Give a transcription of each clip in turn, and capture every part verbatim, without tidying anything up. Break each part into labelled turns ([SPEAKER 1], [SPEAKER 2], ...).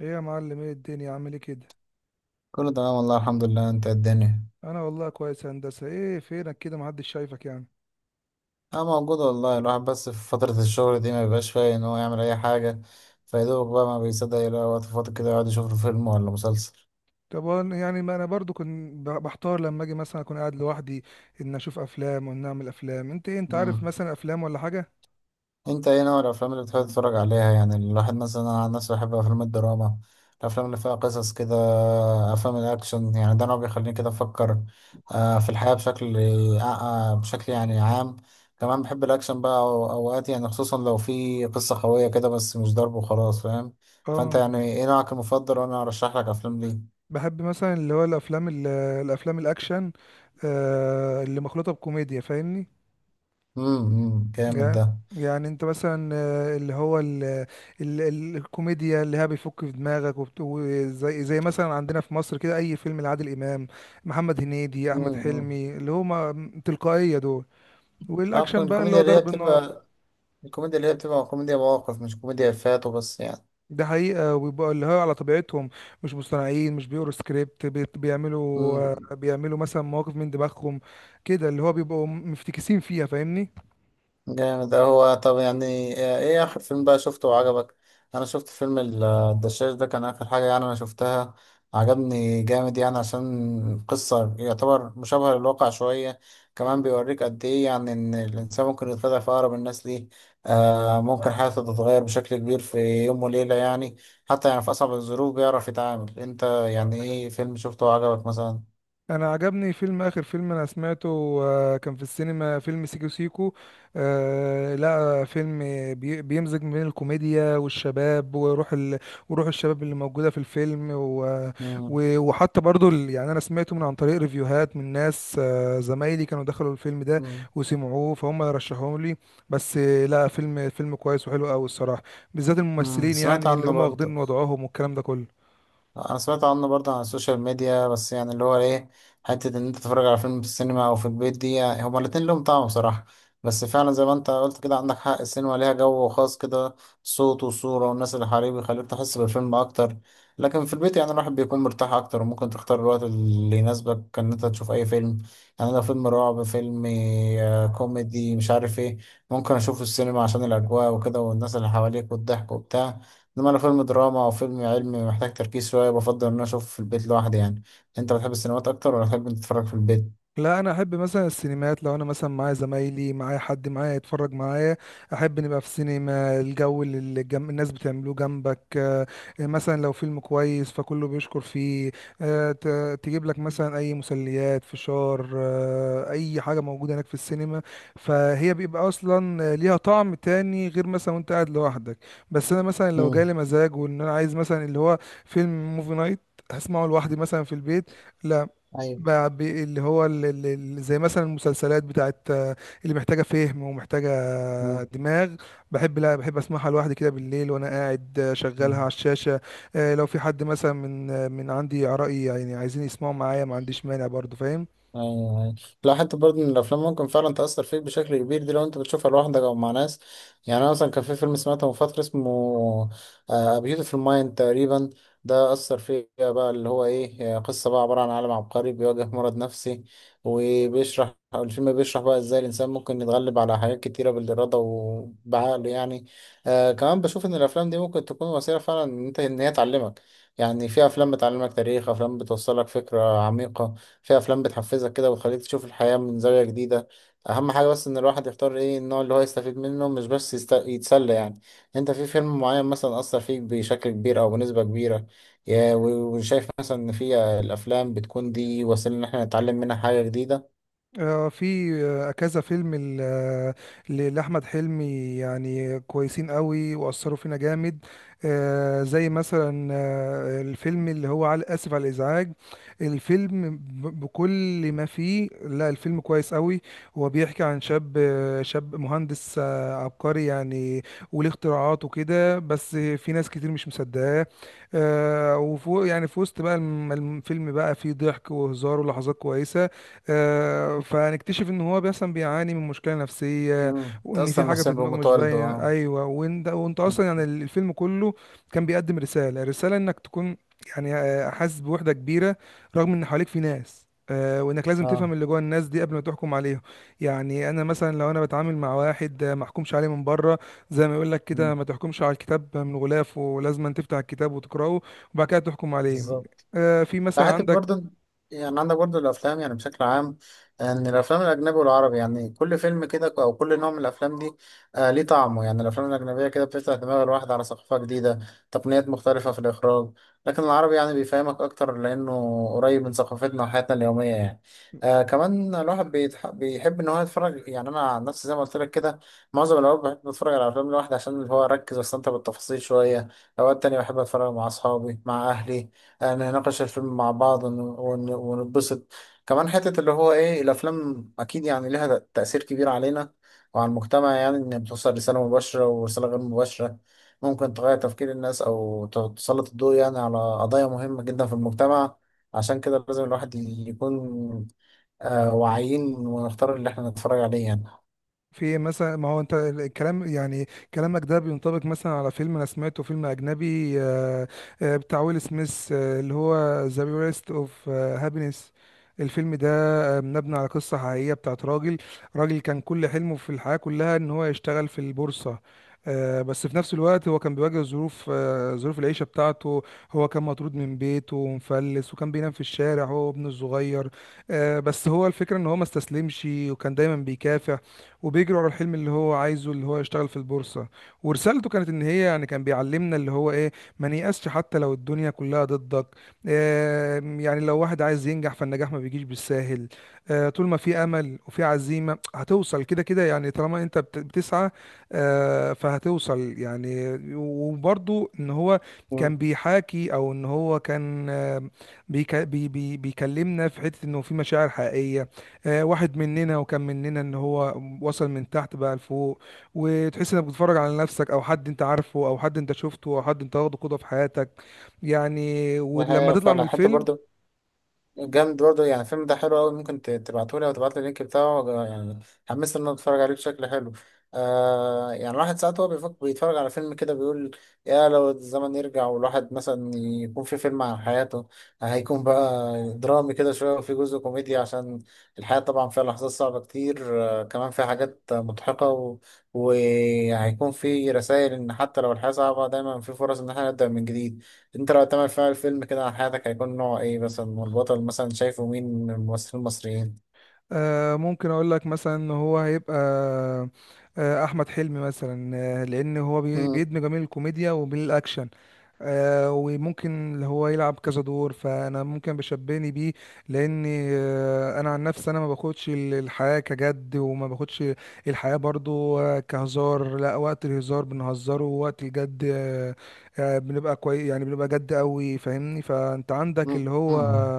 [SPEAKER 1] ايه يا معلم، ايه الدنيا، عامل ايه كده؟
[SPEAKER 2] كله تمام والله الحمد لله. انت إيه الدنيا؟
[SPEAKER 1] انا والله كويس يا هندسه. ايه فينك كده؟ محدش شايفك يعني.
[SPEAKER 2] اه، موجود والله. الواحد بس في فترة الشغل دي ما بيبقاش فايق ان هو يعمل اي حاجة. فيدوبك بقى ما بيصدق يلاقي وقت فاضي كده، يقعد يشوف له فيلم ولا مسلسل.
[SPEAKER 1] طب وأنا- يعني ما انا برضو كنت ب- بحتار لما اجي مثلا اكون قاعد لوحدي، ان اشوف افلام وان اعمل افلام. انت ايه؟ انت عارف
[SPEAKER 2] مم.
[SPEAKER 1] مثلا افلام ولا حاجه؟
[SPEAKER 2] انت ايه نوع الافلام اللي بتحب تتفرج عليها؟ يعني الواحد مثلا، انا عن نفسي بحب افلام الدراما، الافلام اللي فيها قصص كده. افلام الاكشن يعني ده نوع بيخليني كده افكر آه، في الحياة بشكل آه، آه، بشكل يعني عام. كمان بحب الاكشن بقى، أو- اوقات يعني، خصوصا لو في قصة قوية كده، بس مش ضرب وخلاص، فاهم؟ فانت
[SPEAKER 1] اه،
[SPEAKER 2] يعني ايه نوعك المفضل، وانا ارشح لك افلام ليه.
[SPEAKER 1] بحب مثلا اللي هو الافلام ال- الافلام الاكشن، آه اللي مخلوطه بكوميديا، فاهمني؟
[SPEAKER 2] امم جامد
[SPEAKER 1] يعني
[SPEAKER 2] ده.
[SPEAKER 1] يعني انت مثلا، آه، اللي هو ال ال ال الكوميديا اللي هي بيفك في دماغك، وبت- وزي زي مثلا عندنا في مصر، كده اي فيلم لعادل امام، محمد هنيدي، احمد
[SPEAKER 2] امم.
[SPEAKER 1] حلمي، اللي هما تلقائية دول.
[SPEAKER 2] اه،
[SPEAKER 1] والاكشن بقى اللي
[SPEAKER 2] الكوميديا
[SPEAKER 1] هو
[SPEAKER 2] اللي هي
[SPEAKER 1] ضرب النار.
[SPEAKER 2] بتبقى الكوميديا اللي هي بتبقى كوميديا مواقف، مش كوميديا افيهات وبس يعني.
[SPEAKER 1] ده حقيقة، ويبقى اللي هو على طبيعتهم، مش مصطنعين، مش بيقروا سكريبت، بيت- بيعملوا
[SPEAKER 2] مم.
[SPEAKER 1] آه، بيعملوا مثلا مواقف من دماغهم، كده اللي هو بيبقوا مفتكسين فيها، فاهمني؟
[SPEAKER 2] جامد ده. هو طب يعني، آه، ايه اخر فيلم بقى شفته وعجبك؟ انا شفت فيلم ال- الدشاش ده، كان اخر حاجة يعني انا شفتها. عجبني جامد يعني، عشان قصة يعتبر مشابهة للواقع شوية. كمان بيوريك قد ايه يعني ان الانسان ممكن يتخدع في اقرب الناس ليه، آه، ممكن حياته تتغير بشكل كبير في يوم وليلة يعني. حتى يعني في اصعب الظروف بيعرف يتعامل. انت يعني ايه فيلم شفته وعجبك مثلا؟
[SPEAKER 1] انا عجبني فيلم، اخر فيلم انا سمعته، آه، كان في السينما فيلم سيكو سيكو. آه، لا فيلم بي- بيمزج ما بين الكوميديا والشباب وروح ال... وروح الشباب اللي موجودة في الفيلم، و...
[SPEAKER 2] مم.
[SPEAKER 1] و... وحتى برضو ال... يعني انا سمعته من عن طريق ريفيوهات من ناس، آه، زمايلي كانوا دخلوا الفيلم ده،
[SPEAKER 2] مم.
[SPEAKER 1] وسمعوه فهم رشحوه لي. بس آه، لا، فيلم فيلم كويس وحلو قوي الصراحة، بالذات
[SPEAKER 2] مم.
[SPEAKER 1] الممثلين
[SPEAKER 2] سمعت
[SPEAKER 1] يعني اللي
[SPEAKER 2] عنه
[SPEAKER 1] هم
[SPEAKER 2] برضه.
[SPEAKER 1] واخدين وضعهم والكلام ده كله.
[SPEAKER 2] انا سمعت عنه برضه على السوشيال ميديا، بس يعني اللي هو ايه، حته ان انت تتفرج على فيلم في السينما او في البيت، دي يعني هما الاتنين لهم طعم بصراحه. بس فعلا زي ما انت قلت كده، عندك حق، السينما ليها جو خاص كده، صوت وصوره والناس اللي حواليه بيخليك تحس بالفيلم اكتر. لكن في البيت يعني الواحد بيكون مرتاح اكتر، وممكن تختار الوقت اللي يناسبك ان انت تشوف اي فيلم. يعني لو فيلم رعب، فيلم آه، كوميدي، مش عارف ايه، ممكن اشوفه السينما عشان الاجواء وكده، والناس اللي حواليك والضحك وبتاع. لما انا فيلم دراما او فيلم علمي محتاج تركيز شويه، بفضل ان انا اشوفه في البيت لوحدي يعني. انت بتحب السينمات اكتر ولا بتحب إنت تتفرج في البيت؟
[SPEAKER 1] لا، انا احب مثلا السينمات لو انا مثلا معايا زمايلي، معايا حد معايا يتفرج معايا. احب نبقى في سينما، الجو اللي الجم... الناس بتعملوه جنبك، آه، مثلا لو فيلم كويس فكله بيشكر فيه. آه، ت... تجيب لك مثلا اي مسليات، فشار، آه، اي حاجة موجودة هناك في السينما، فهي بيبقى اصلا ليها طعم تاني غير مثلا وانت قاعد لوحدك. بس انا مثلا لو
[SPEAKER 2] امم.
[SPEAKER 1] جالي مزاج وان انا عايز مثلا اللي هو فيلم موفي نايت، هسمعه لوحدي مثلا في البيت. لا،
[SPEAKER 2] ايوه.
[SPEAKER 1] بقى ب- اللي هو ال- ال- ال- زي مثلا المسلسلات بتاعت، آه، اللي محتاجة فهم ومحتاجة آه،
[SPEAKER 2] مم.
[SPEAKER 1] دماغ. بحب لا، بحب اسمعها لوحدي كده بالليل وانا قاعد، آه، شغلها على
[SPEAKER 2] مم.
[SPEAKER 1] الشاشة. آه، لو في حد مثلا من آه، من عندي قرايبي يعني عايزين يسمعوا معايا، ما عنديش مانع برضو، فاهم؟
[SPEAKER 2] ايوه، ايوه. لا، حتى برضه ان الافلام ممكن فعلا تاثر فيك بشكل كبير دي، لو انت بتشوفها لوحدك او مع ناس. يعني انا مثلا كان في فيلم سمعته من فتره، اسمه بيوتيفول مايند تقريبا. ده اثر فيا بقى، اللي هو ايه، آه، قصه بقى عباره عن عالم عبقري بيواجه مرض نفسي. وبيشرح أو الفيلم بيشرح بقى ازاي الانسان ممكن يتغلب على حاجات كتيره بالاراده وبعقله يعني. آه، كمان بشوف ان الافلام دي ممكن تكون وسيله فعلا ان انت ان هي تعلمك. يعني في افلام بتعلمك تاريخ، افلام بتوصلك فكره عميقه، في افلام بتحفزك كده وتخليك تشوف الحياة من زاوية جديدة. اهم حاجة بس ان الواحد يختار ايه النوع اللي هو يستفيد منه، مش بس يست... يتسلى يعني. انت في فيلم معين مثلا اثر فيك بشكل كبير او بنسبة كبيرة؟ يا- و- وشايف مثلا ان في الافلام بتكون دي وسيلة ان احنا نتعلم منها حاجة جديدة؟
[SPEAKER 1] آه، في آه، كذا فيلم ل- آه، ل- لأحمد حلمي يعني كويسين قوي وأثروا فينا جامد. آه، زي مثلا آه، الفيلم اللي هو على آسف على الإزعاج. الفيلم ب- بكل ما فيه، لا الفيلم كويس قوي. هو بيحكي عن شاب آه، شاب مهندس، آه، عبقري يعني، وليه اختراعات وكده، بس في ناس كتير مش مصدقاه. آه، وفوق يعني في وسط بقى الم- الفيلم بقى فيه ضحك وهزار ولحظات كويسة. آه، فهنكتشف ان هو مثلا بيعاني من مشكله نفسيه،
[SPEAKER 2] مم.
[SPEAKER 1] وان في
[SPEAKER 2] تأثر
[SPEAKER 1] حاجه
[SPEAKER 2] نفسيا
[SPEAKER 1] في دماغه
[SPEAKER 2] بموت
[SPEAKER 1] مش
[SPEAKER 2] والده،
[SPEAKER 1] باينه،
[SPEAKER 2] اه.
[SPEAKER 1] ايوه، وانت وانت
[SPEAKER 2] مم.
[SPEAKER 1] اصلا يعني الفيلم كله كان بيقدم رساله رساله انك تكون يعني آه، حاسس بوحده كبيره، رغم ان حواليك في ناس، آه، وانك لازم
[SPEAKER 2] اه.
[SPEAKER 1] تفهم اللي جوه الناس دي قبل ما تحكم عليهم. يعني انا مثلا لو انا بتعامل مع واحد، آه، ما احكمش عليه من بره، زي ما يقول لك كده:
[SPEAKER 2] مم.
[SPEAKER 1] ما تحكمش على الكتاب من غلافه، لازم تفتح الكتاب وتقراه، وبعد كده تحكم عليه.
[SPEAKER 2] بالظبط.
[SPEAKER 1] آه، في مثلا
[SPEAKER 2] حتى
[SPEAKER 1] عندك،
[SPEAKER 2] برضه، يعني عندك برضه الأفلام يعني بشكل عام، إن الأفلام الأجنبي والعربي، يعني كل فيلم كده أو كل نوع من الأفلام دي آه ليه طعمه. يعني الأفلام الأجنبية كده بتفتح دماغ الواحد على ثقافة جديدة، تقنيات مختلفة في الإخراج. لكن العربي يعني بيفهمك أكتر، لأنه قريب من ثقافتنا وحياتنا اليومية يعني. آه كمان الواحد بيتح... بيحب إن هو يتفرج. يعني أنا عن نفسي زي ما قلت لك كده، معظم الأوقات بحب أتفرج على أفلام لوحدي، عشان اللي هو أركز وأستمتع بالتفاصيل شوية. أوقات تانية بحب أتفرج مع أصحابي، مع أهلي، يعني نناقش الفيلم مع بعض ون- ون- ونتبسط. كمان حتة اللي هو ايه، الافلام اكيد يعني لها تأثير كبير علينا وعلى المجتمع، يعني ان بتوصل رسالة مباشرة ورسالة غير مباشرة، ممكن تغير تفكير الناس او ت- تسلط الضوء يعني على قضايا مهمة جدا في المجتمع. عشان كده لازم الواحد يكون آه، واعيين ونختار اللي احنا نتفرج عليه يعني.
[SPEAKER 1] في إيه مثلا؟ ما هو انت الكلام يعني، كلامك ده بينطبق مثلا على فيلم انا سمعته، فيلم اجنبي، آه، آه، بتاع ويل سميث، آه، اللي هو ذا بيرست اوف هابينس. الفيلم ده آه، مبني على قصة حقيقية بتاعت راجل، راجل كان كل حلمه في الحياة كلها ان هو يشتغل في البورصة. آه، بس في نفس الوقت هو كان بيواجه ظروف آه، ظروف العيشة بتاعته. هو كان مطرود من بيته ومفلس، وكان بينام في الشارع هو وابنه الصغير. آه، بس هو الفكرة ان هو ما استسلمش، وكان دايما بيكافح وبيجري ورا الحلم اللي هو عايزه، اللي هو يشتغل في البورصة. ورسالته كانت ان هي يعني كان بيعلمنا اللي هو ايه: ما نيأسش حتى لو الدنيا كلها ضدك. آه يعني لو واحد عايز ينجح، فالنجاح ما بيجيش بالساهل. آه طول ما في امل وفي عزيمة هتوصل كده كده، يعني طالما انت بت- بتسعى آه فهتوصل يعني. وبرضو ان هو كان
[SPEAKER 2] مم.
[SPEAKER 1] بيحاكي، او ان هو كان، آه بيك بي بي بيكلمنا في حتة انه في مشاعر حقيقية، آه، واحد مننا، وكان مننا، ان هو وصل من تحت بقى لفوق، وتحس انك بتتفرج على نفسك او حد انت عارفه او حد انت شفته او حد انت واخده قدوة في حياتك، يعني
[SPEAKER 2] دي
[SPEAKER 1] ولما
[SPEAKER 2] حقيقة
[SPEAKER 1] تطلع من
[SPEAKER 2] فعلا. حتى
[SPEAKER 1] الفيلم.
[SPEAKER 2] برضه جامد برضه يعني، الفيلم ده حلو أوي، ممكن ت- تبعتهولي أو تبعتلي اللينك بتاعه يعني، حمست إن أنا أتفرج عليه بشكل حلو. آه يعني الواحد ساعات هو بيفكر، بيتفرج على فيلم كده بيقول يا لو الزمن يرجع، والواحد مثلا يكون في فيلم عن حياته، هيكون بقى درامي كده شوية وفي جزء كوميدي، عشان الحياة طبعا فيها لحظات صعبة كتير، آه كمان فيها حاجات مضحكة و- وهيكون في رسائل إن حتى لو الحياة صعبة دايما في فرص إن احنا نبدأ من جديد. انت لو تعمل فيها الفيلم كده عن حياتك، هيكون نوع ايه مثلا، والبطل مثلا شايفه مين من الممثلين المصريين؟
[SPEAKER 1] آه، ممكن اقول لك مثلا ان هو هيبقى آه، احمد حلمي مثلا، آه، لان هو بي-
[SPEAKER 2] مم.
[SPEAKER 1] بيدمج ما بين الكوميديا وبين الاكشن. آه، وممكن اللي هو يلعب كذا دور، فانا ممكن بشبهني بيه، لان آه، انا عن نفسي انا ما باخدش ال- الحياه كجد، وما باخدش الحياه برضو آه، كهزار. لا، وقت الهزار بنهزره، ووقت الجد آه، آه، بنبقى كويس، يعني بنبقى جد قوي، فاهمني؟ فانت عندك
[SPEAKER 2] مم.
[SPEAKER 1] اللي هو
[SPEAKER 2] امم.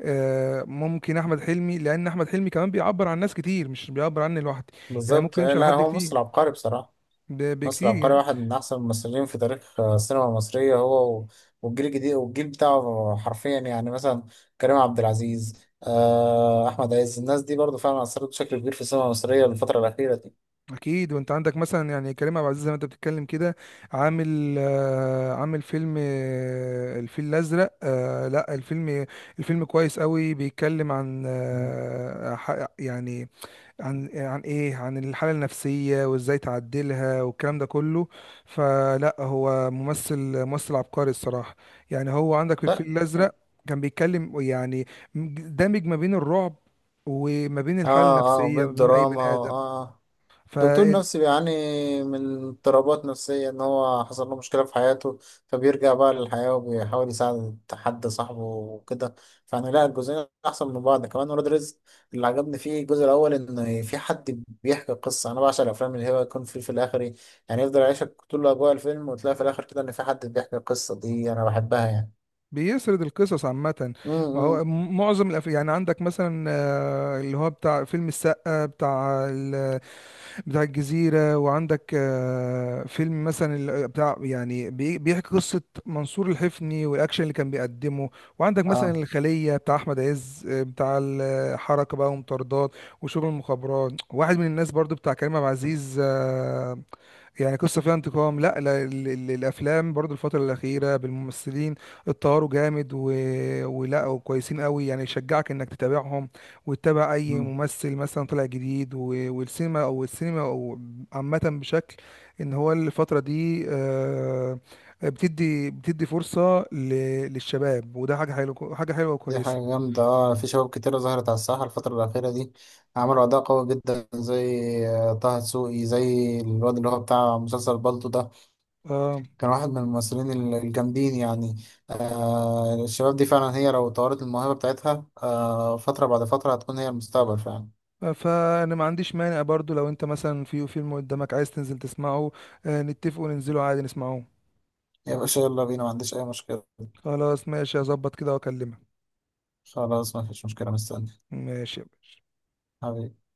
[SPEAKER 1] آه، ممكن احمد حلمي، لان احمد حلمي كمان بيعبر عن ناس كتير، مش بيعبر عني لوحدي. يعني
[SPEAKER 2] بالظبط.
[SPEAKER 1] ممكن
[SPEAKER 2] آه،
[SPEAKER 1] يمشي على
[SPEAKER 2] لا
[SPEAKER 1] حد
[SPEAKER 2] هو
[SPEAKER 1] كتير،
[SPEAKER 2] مصر عبقري بصراحة.
[SPEAKER 1] ب-
[SPEAKER 2] مصر
[SPEAKER 1] بكتير
[SPEAKER 2] عبقري،
[SPEAKER 1] يعني.
[SPEAKER 2] واحد من أحسن الممثلين في تاريخ آه، السينما المصرية. هو و- والجيل الجديد والجيل بتاعه حرفيا يعني، مثلا كريم عبد العزيز، آه، أحمد عز، الناس دي برضو فعلا أثرت بشكل كبير في السينما المصرية الفترة الأخيرة دي.
[SPEAKER 1] اكيد، وانت عندك مثلا يعني كريم عبد العزيز، زي ما انت بتتكلم كده، عامل آه، عامل فيلم، آه، الفيل الازرق، آه، لا الفيلم، الفيلم كويس قوي، بيتكلم عن
[SPEAKER 2] مم.
[SPEAKER 1] آه، ح- يعني عن عن ايه، عن الحالة النفسية وازاي تعدلها والكلام ده كله. فلا، هو ممثل ممثل عبقري الصراحة. يعني هو عندك في
[SPEAKER 2] لا.
[SPEAKER 1] الفيل الأزرق كان بيتكلم يعني، دامج ما بين الرعب وما بين
[SPEAKER 2] اه،
[SPEAKER 1] الحالة
[SPEAKER 2] اه،
[SPEAKER 1] النفسية، ما بين أي
[SPEAKER 2] بالدراما،
[SPEAKER 1] بني آدم.
[SPEAKER 2] اه.
[SPEAKER 1] ف
[SPEAKER 2] دكتور نفسي بيعاني من اضطرابات نفسية، إن هو حصل له مشكلة في حياته، فبيرجع بقى للحياة وبيحاول يساعد حد صاحبه وكده. فأنا لا، الجزئين أحسن من بعض. كمان ولاد رزق، اللي عجبني فيه الجزء الأول إن في حد بيحكي قصة. أنا بعشق الأفلام اللي هو يكون في في الآخر إيه، يعني يفضل يعيشك طول أجواء الفيلم وتلاقي في الآخر كده إن في حد بيحكي القصة، دي أنا بحبها يعني.
[SPEAKER 1] بيسرد القصص عامة. ما هو
[SPEAKER 2] امم.
[SPEAKER 1] م- معظم الأف... يعني عندك مثلا، آه، اللي هو بتاع فيلم السقا، بتاع بتاع الجزيرة، وعندك آه، فيلم مثلا ال- آه، بتاع يعني بي- بيحكي قصة منصور الحفني، والأكشن اللي كان بيقدمه، وعندك
[SPEAKER 2] اه.
[SPEAKER 1] مثلا الخلية بتاع أحمد عز، آه، بتاع الحركة بقى ومطاردات وشغل المخابرات، واحد من الناس برضو بتاع كريم عبد العزيز، آه، يعني قصة فيها انتقام. لا، لا، ال- ال- الأفلام برضو الفترة الأخيرة بالممثلين اتطوروا جامد، و... ولا وكويسين قوي، يعني يشجعك إنك تتابعهم، وتتابع اي ممثل مثلا طلع جديد، و- والسينما او السينما او عامه بشكل، ان هو الفتره دي آه، بتدي بتدي فرصه ل- للشباب، وده حاجه حلوه، حاجه حلوه
[SPEAKER 2] دي
[SPEAKER 1] وكويسه.
[SPEAKER 2] حاجة جامدة. اه في شباب كتيرة ظهرت على الساحة الفترة الأخيرة دي، عملوا أداء قوي جدا، زي آه، طه دسوقي، زي الواد اللي هو بتاع مسلسل بالطو ده،
[SPEAKER 1] اه،
[SPEAKER 2] كان واحد من الممثلين ال- الجامدين يعني. آه الشباب دي فعلا، هي لو طورت الموهبة بتاعتها آه فترة بعد فترة هتكون هي المستقبل فعلا.
[SPEAKER 1] فانا ما عنديش مانع برضو، لو انت مثلا في فيلم قدامك عايز تنزل تسمعه، آه، نتفق وننزله عادي نسمعه.
[SPEAKER 2] يا باشا يلا بينا، ما عنديش أي مشكلة.
[SPEAKER 1] خلاص، ماشي، هظبط كده واكلمك.
[SPEAKER 2] خلاص، ما فيش مشكلة، مستني.
[SPEAKER 1] ماشي يا باشا.
[SPEAKER 2] حبيبي.